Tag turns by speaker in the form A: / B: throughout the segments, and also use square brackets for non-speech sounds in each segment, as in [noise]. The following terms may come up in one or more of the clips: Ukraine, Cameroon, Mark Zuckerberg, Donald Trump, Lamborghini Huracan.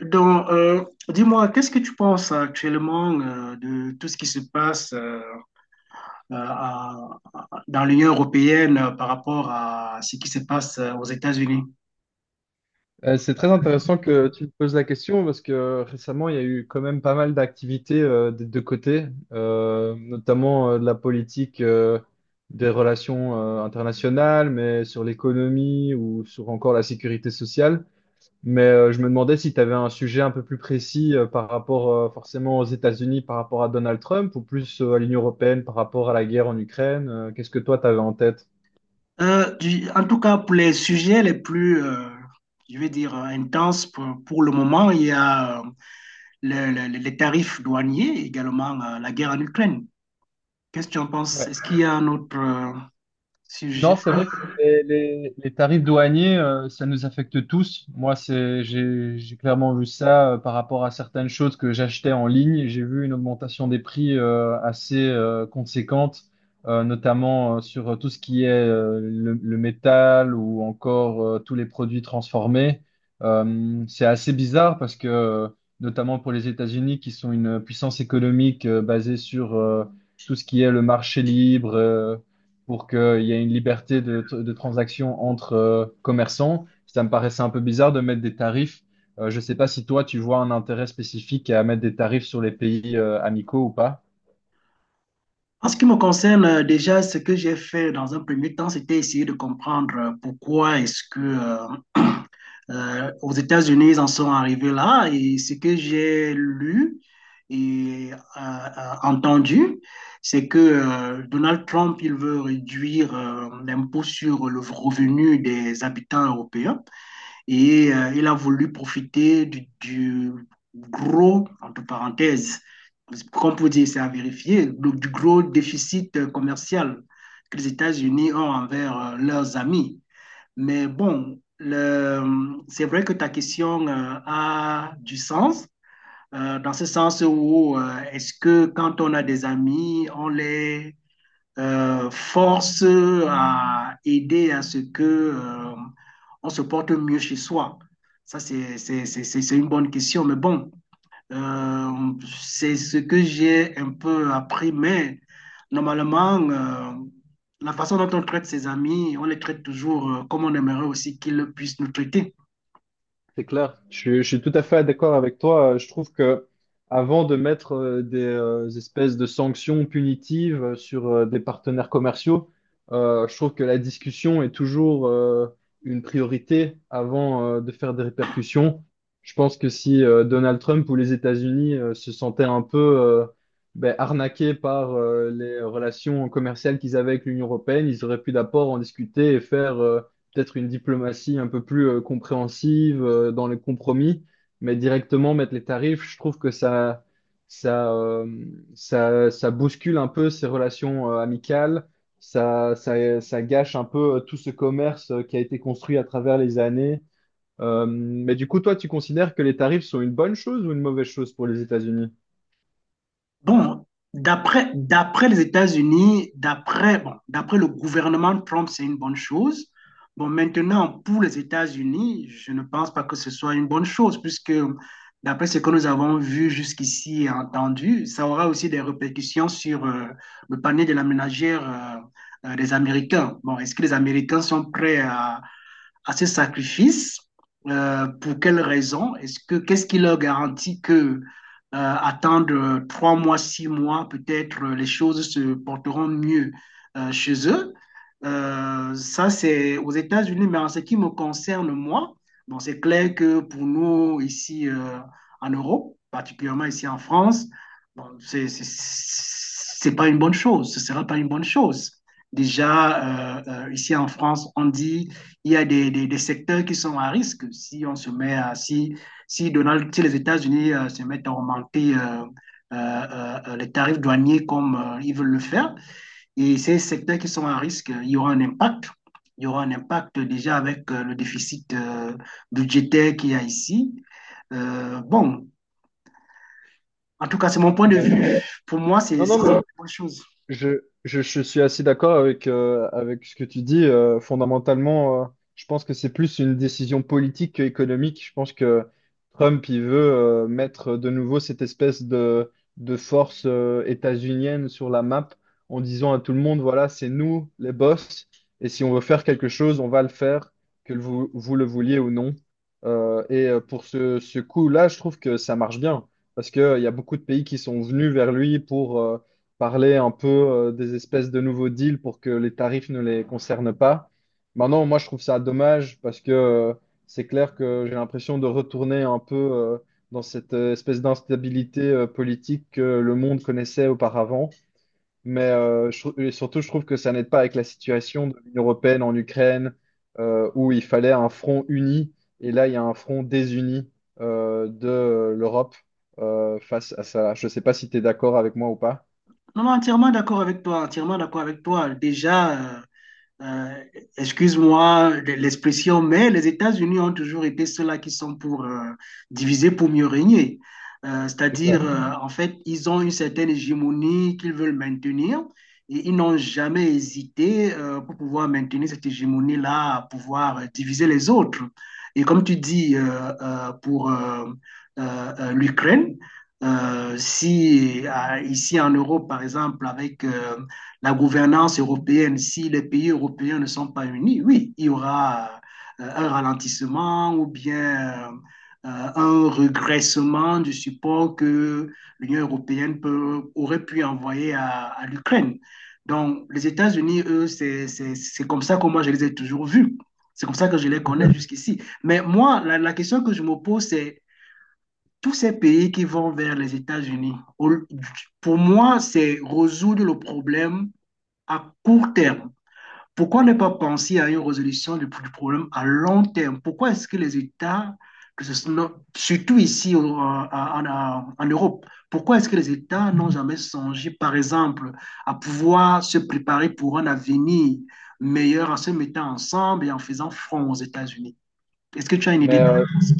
A: Donc, dis-moi, qu'est-ce que tu penses actuellement de tout ce qui se passe euh, à- dans l'Union européenne par rapport à ce qui se passe aux États-Unis?
B: C'est très intéressant que tu me poses la question parce que récemment, il y a eu quand même pas mal d'activités des deux côtés, notamment de la politique des relations internationales, mais sur l'économie ou sur encore la sécurité sociale. Mais je me demandais si tu avais un sujet un peu plus précis par rapport forcément aux États-Unis par rapport à Donald Trump ou plus à l'Union européenne par rapport à la guerre en Ukraine. Qu'est-ce que toi, tu avais en tête?
A: En tout cas, pour les sujets les plus, je vais dire, intenses pour le moment, il y a les tarifs douaniers, également la guerre en Ukraine. Qu'est-ce que tu en penses? Est-ce qu'il y a un autre sujet?
B: Non, c'est vrai que les tarifs douaniers, ça nous affecte tous. Moi, c'est, j'ai clairement vu ça par rapport à certaines choses que j'achetais en ligne. J'ai vu une augmentation des prix assez conséquente, notamment sur tout ce qui est le métal ou encore tous les produits transformés. C'est assez bizarre parce que, notamment pour les États-Unis, qui sont une puissance économique basée sur tout ce qui est le marché libre. Pour qu'il y ait une liberté de transaction entre commerçants. Ça me paraissait un peu bizarre de mettre des tarifs. Je ne sais pas si toi, tu vois un intérêt spécifique à mettre des tarifs sur les pays amicaux ou pas.
A: En ce qui me concerne, déjà, ce que j'ai fait dans un premier temps, c'était essayer de comprendre pourquoi est-ce que [clears throat] aux États-Unis, ils en sont arrivés là. Et ce que j'ai lu et entendu, c'est que Donald Trump, il veut réduire l'impôt sur le revenu des habitants européens. Et il a voulu profiter du gros, entre parenthèses, comme vous dire, c'est à vérifier, donc du gros déficit commercial que les États-Unis ont envers leurs amis. Mais bon, c'est vrai que ta question a du sens, dans ce sens où est-ce que quand on a des amis, on les force à aider à ce que on se porte mieux chez soi. Ça, c'est une bonne question, mais bon, euh, c'est ce que j'ai un peu appris, mais normalement, la façon dont on traite ses amis, on les traite toujours comme on aimerait aussi qu'ils puissent nous traiter.
B: C'est clair, je suis tout à fait d'accord avec toi. Je trouve que avant de mettre des espèces de sanctions punitives sur des partenaires commerciaux, je trouve que la discussion est toujours une priorité avant de faire des répercussions. Je pense que si Donald Trump ou les États-Unis se sentaient un peu ben, arnaqués par les relations commerciales qu'ils avaient avec l'Union européenne, ils auraient pu d'abord en discuter et faire peut-être une diplomatie un peu plus compréhensive dans les compromis, mais directement mettre les tarifs, je trouve que ça, euh, ça bouscule un peu ces relations amicales, ça gâche un peu tout ce commerce qui a été construit à travers les années. Mais du coup, toi, tu considères que les tarifs sont une bonne chose ou une mauvaise chose pour les États-Unis?
A: Bon, d'après les États-Unis, d'après bon, d'après le gouvernement Trump, c'est une bonne chose. Bon, maintenant, pour les États-Unis, je ne pense pas que ce soit une bonne chose, puisque d'après ce que nous avons vu jusqu'ici et entendu, ça aura aussi des répercussions sur le panier de la ménagère des Américains. Bon, est-ce que les Américains sont prêts à ce sacrifice? Pour quelles raisons Est-ce que qu'est-ce qui leur garantit que attendre 3 mois, 6 mois, peut-être les choses se porteront mieux chez eux? Ça, c'est aux États-Unis, mais en ce qui me concerne, moi, bon, c'est clair que pour nous, ici en Europe, particulièrement ici en France, bon, c'est pas une bonne chose, ce sera pas une bonne chose. Déjà, ici en France, on dit il y a des secteurs qui sont à risque si on se met à, si, si, Donald, si les États-Unis se mettent à augmenter les tarifs douaniers comme ils veulent le faire. Et ces secteurs qui sont à risque, il y aura un impact. Il y aura un impact déjà avec le déficit budgétaire qu'il y a ici. Bon, en tout cas, c'est mon point de
B: Ouais.
A: vue. Pour moi, c'est
B: Non,
A: une
B: non, mais
A: bonne chose.
B: je suis assez d'accord avec, avec ce que tu dis. Fondamentalement, je pense que c'est plus une décision politique qu'économique. Je pense que Trump, il veut mettre de nouveau cette espèce de force états-unienne sur la map en disant à tout le monde, voilà, c'est nous les boss, et si on veut faire quelque chose, on va le faire, que vous, vous le vouliez ou non. Et pour ce coup-là, je trouve que ça marche bien, parce qu'il y a beaucoup de pays qui sont venus vers lui pour parler un peu des espèces de nouveaux deals pour que les tarifs ne les concernent pas. Maintenant, moi, je trouve ça dommage parce que c'est clair que j'ai l'impression de retourner un peu dans cette espèce d'instabilité politique que le monde connaissait auparavant. Mais et surtout, je trouve que ça n'aide pas avec la situation de l'Union européenne en Ukraine, où il fallait un front uni, et là, il y a un front désuni de l'Europe face à ça. Je ne sais pas si tu es d'accord avec moi ou pas.
A: Non, non, entièrement d'accord avec toi, entièrement d'accord avec toi. Déjà, Euh, excuse-moi l'expression, mais les États-Unis ont toujours été ceux-là qui sont pour diviser pour mieux régner.
B: C'est
A: C'est-à-dire,
B: clair.
A: en fait, ils ont une certaine hégémonie qu'ils veulent maintenir et ils n'ont jamais hésité pour pouvoir maintenir cette hégémonie-là, à pouvoir diviser les autres. Et comme tu dis pour l'Ukraine, si ici en Europe, par exemple, avec la gouvernance européenne, si les pays européens ne sont pas unis, oui, il y aura un ralentissement ou bien euh, un regressement du support que l'Union européenne aurait pu envoyer à l'Ukraine. Donc, les États-Unis, eux, c'est comme ça que moi, je les ai toujours vus. C'est comme ça que je les
B: Mhm.
A: connais jusqu'ici. Mais moi, la question que je me pose, c'est tous ces pays qui vont vers les États-Unis, pour moi, c'est résoudre le problème à court terme. Pourquoi ne pas penser à une résolution du problème à long terme? Pourquoi est-ce que les États, que ce surtout ici en Europe, pourquoi est-ce que les États n'ont jamais songé, par exemple, à pouvoir se préparer pour un avenir meilleur en se mettant ensemble et en faisant front aux États-Unis? Est-ce que tu as une idée?
B: Mais
A: pour
B: euh,
A: ça?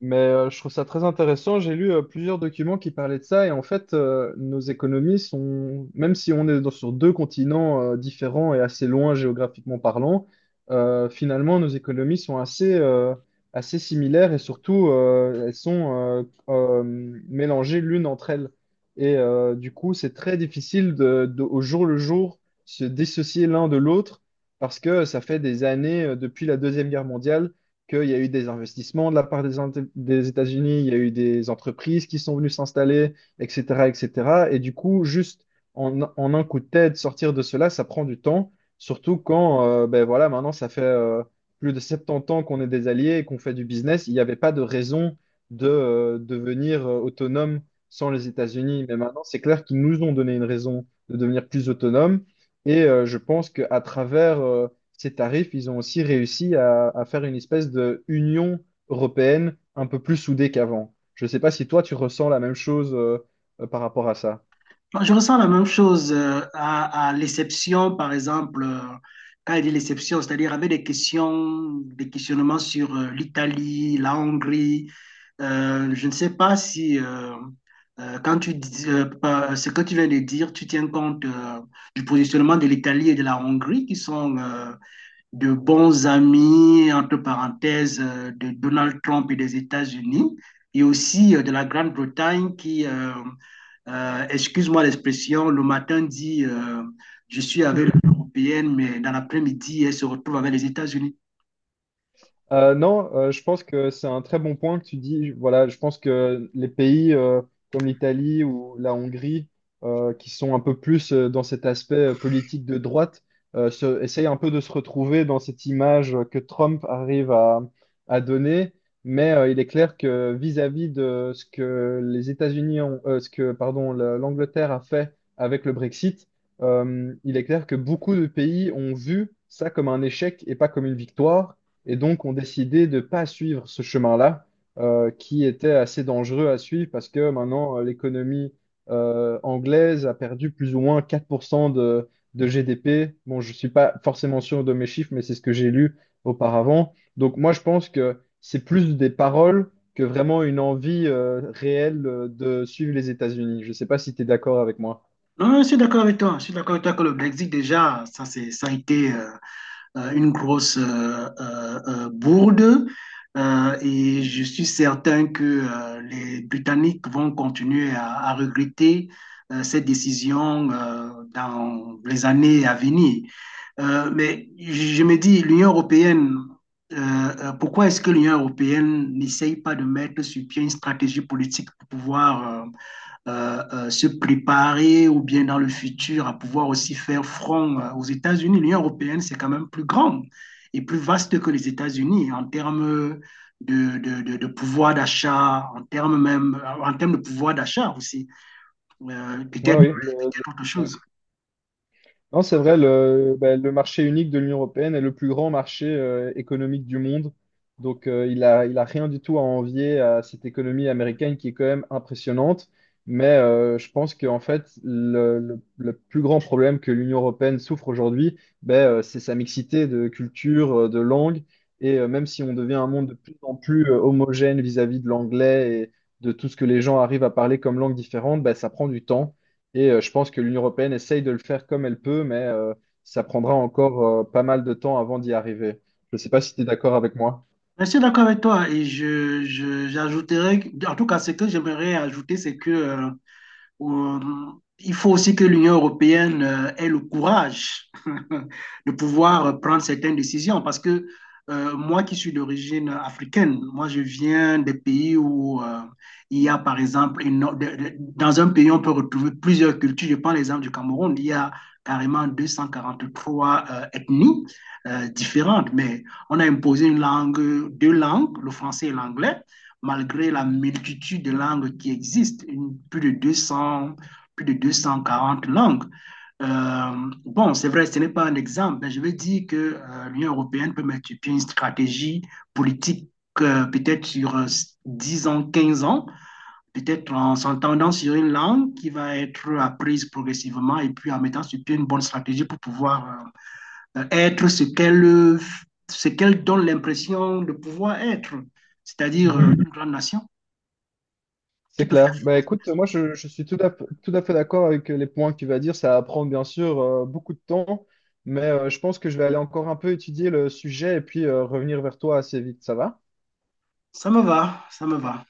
B: Mais je trouve ça très intéressant. J'ai lu plusieurs documents qui parlaient de ça. Et en fait, nos économies sont, même si on est sur deux continents différents et assez loin géographiquement parlant, finalement, nos économies sont assez, assez similaires et surtout, elles sont euh, mélangées l'une entre elles. Et du coup, c'est très difficile de au jour le jour, se dissocier l'un de l'autre parce que ça fait des années, depuis la Deuxième Guerre mondiale qu'il y a eu des investissements de la part des États-Unis, il y a eu des entreprises qui sont venues s'installer, etc., etc. Et cetera. Et du coup, juste en, en un coup de tête, sortir de cela, ça prend du temps, surtout quand, ben voilà, maintenant, ça fait plus de 70 ans qu'on est des alliés et qu'on fait du business. Il n'y avait pas de raison de devenir autonome sans les États-Unis. Mais maintenant, c'est clair qu'ils nous ont donné une raison de devenir plus autonome. Et je pense qu'à travers ces tarifs, ils ont aussi réussi à faire une espèce de union européenne un peu plus soudée qu'avant. Je ne sais pas si toi, tu ressens la même chose, par rapport à ça.
A: Je ressens la même chose à l'exception, par exemple, quand il dit l'exception, c'est-à-dire avec des questions, des questionnements sur l'Italie, la Hongrie. Je ne sais pas si, quand tu dis, ce que tu viens de dire, tu tiens compte du positionnement de l'Italie et de la Hongrie, qui sont de bons amis, entre parenthèses, de Donald Trump et des États-Unis, et aussi de la Grande-Bretagne excuse-moi l'expression, le matin dit je suis avec l'européenne mais dans l'après-midi, elle se retrouve avec les États-Unis.
B: Non, je pense que c'est un très bon point que tu dis. Voilà, je pense que les pays comme l'Italie ou la Hongrie, qui sont un peu plus dans cet aspect politique de droite, essayent un peu de se retrouver dans cette image que Trump arrive à donner. Mais il est clair que vis-à-vis de ce que les États-Unis ont, ce que, pardon, l'Angleterre a fait avec le Brexit, il est clair que beaucoup de pays ont vu ça comme un échec et pas comme une victoire et donc ont décidé de ne pas suivre ce chemin-là, qui était assez dangereux à suivre parce que maintenant, l'économie anglaise a perdu plus ou moins 4% de GDP. Bon, je ne suis pas forcément sûr de mes chiffres, mais c'est ce que j'ai lu auparavant. Donc moi, je pense que c'est plus des paroles que vraiment une envie réelle de suivre les États-Unis. Je ne sais pas si tu es d'accord avec moi.
A: Non, non, je suis d'accord avec toi. Je suis d'accord avec toi que le Brexit, déjà, ça, ça a été une grosse bourde. Et je suis certain que les Britanniques vont continuer à regretter cette décision dans les années à venir. Mais je me dis, l'Union européenne, pourquoi est-ce que l'Union européenne n'essaye pas de mettre sur pied une stratégie politique pour pouvoir se préparer ou bien dans le futur à pouvoir aussi faire front aux États-Unis. L'Union européenne, c'est quand même plus grand et plus vaste que les États-Unis en termes de pouvoir d'achat, en termes même, en termes de pouvoir d'achat aussi,
B: Oui,
A: peut-être
B: oui.
A: autre
B: Le-
A: chose.
B: Non, c'est vrai, le, bah, le marché unique de l'Union européenne est le plus grand marché économique du monde. Donc, il a rien du tout à envier à cette économie américaine qui est quand même impressionnante. Mais je pense qu'en fait, le plus grand problème que l'Union européenne souffre aujourd'hui, bah, c'est sa mixité de culture, de langue. Et même si on devient un monde de plus en plus homogène vis-à-vis de l'anglais et de tout ce que les gens arrivent à parler comme langue différente, bah, ça prend du temps. Et je pense que l'Union européenne essaye de le faire comme elle peut, mais ça prendra encore pas mal de temps avant d'y arriver. Je ne sais pas si tu es d'accord avec moi.
A: Je suis d'accord avec toi et j'ajouterais, en tout cas, ce que j'aimerais ajouter, c'est que Euh, il faut aussi que l'Union européenne ait le courage [laughs] de pouvoir prendre certaines décisions parce que moi qui suis d'origine africaine, moi je viens des pays où il y a par exemple, une, no-, de, dans un pays on peut retrouver plusieurs cultures. Je prends l'exemple du Cameroun, il y a carrément 243 ethnies différentes, mais on a imposé une langue, deux langues, le français et l'anglais malgré la multitude de langues qui existent, plus de 200, plus de 240 langues. Bon, c'est vrai, ce n'est pas un exemple, mais je veux dire que l'Union européenne peut mettre sur pied une stratégie politique peut-être sur 10 ans, 15 ans, peut-être en s'entendant sur une langue qui va être apprise progressivement et puis en mettant sur pied une bonne stratégie pour pouvoir être ce qu'elle donne l'impression de pouvoir être, c'est-à-dire
B: Mhm.
A: une grande nation qui
B: C'est
A: peut faire.
B: clair. Bah, écoute, moi, je suis tout à fait d'accord avec les points que tu vas dire. Ça va prendre, bien sûr, beaucoup de temps, mais je pense que je vais aller encore un peu étudier le sujet et puis revenir vers toi assez vite. Ça va?
A: Ça me va, ça me va.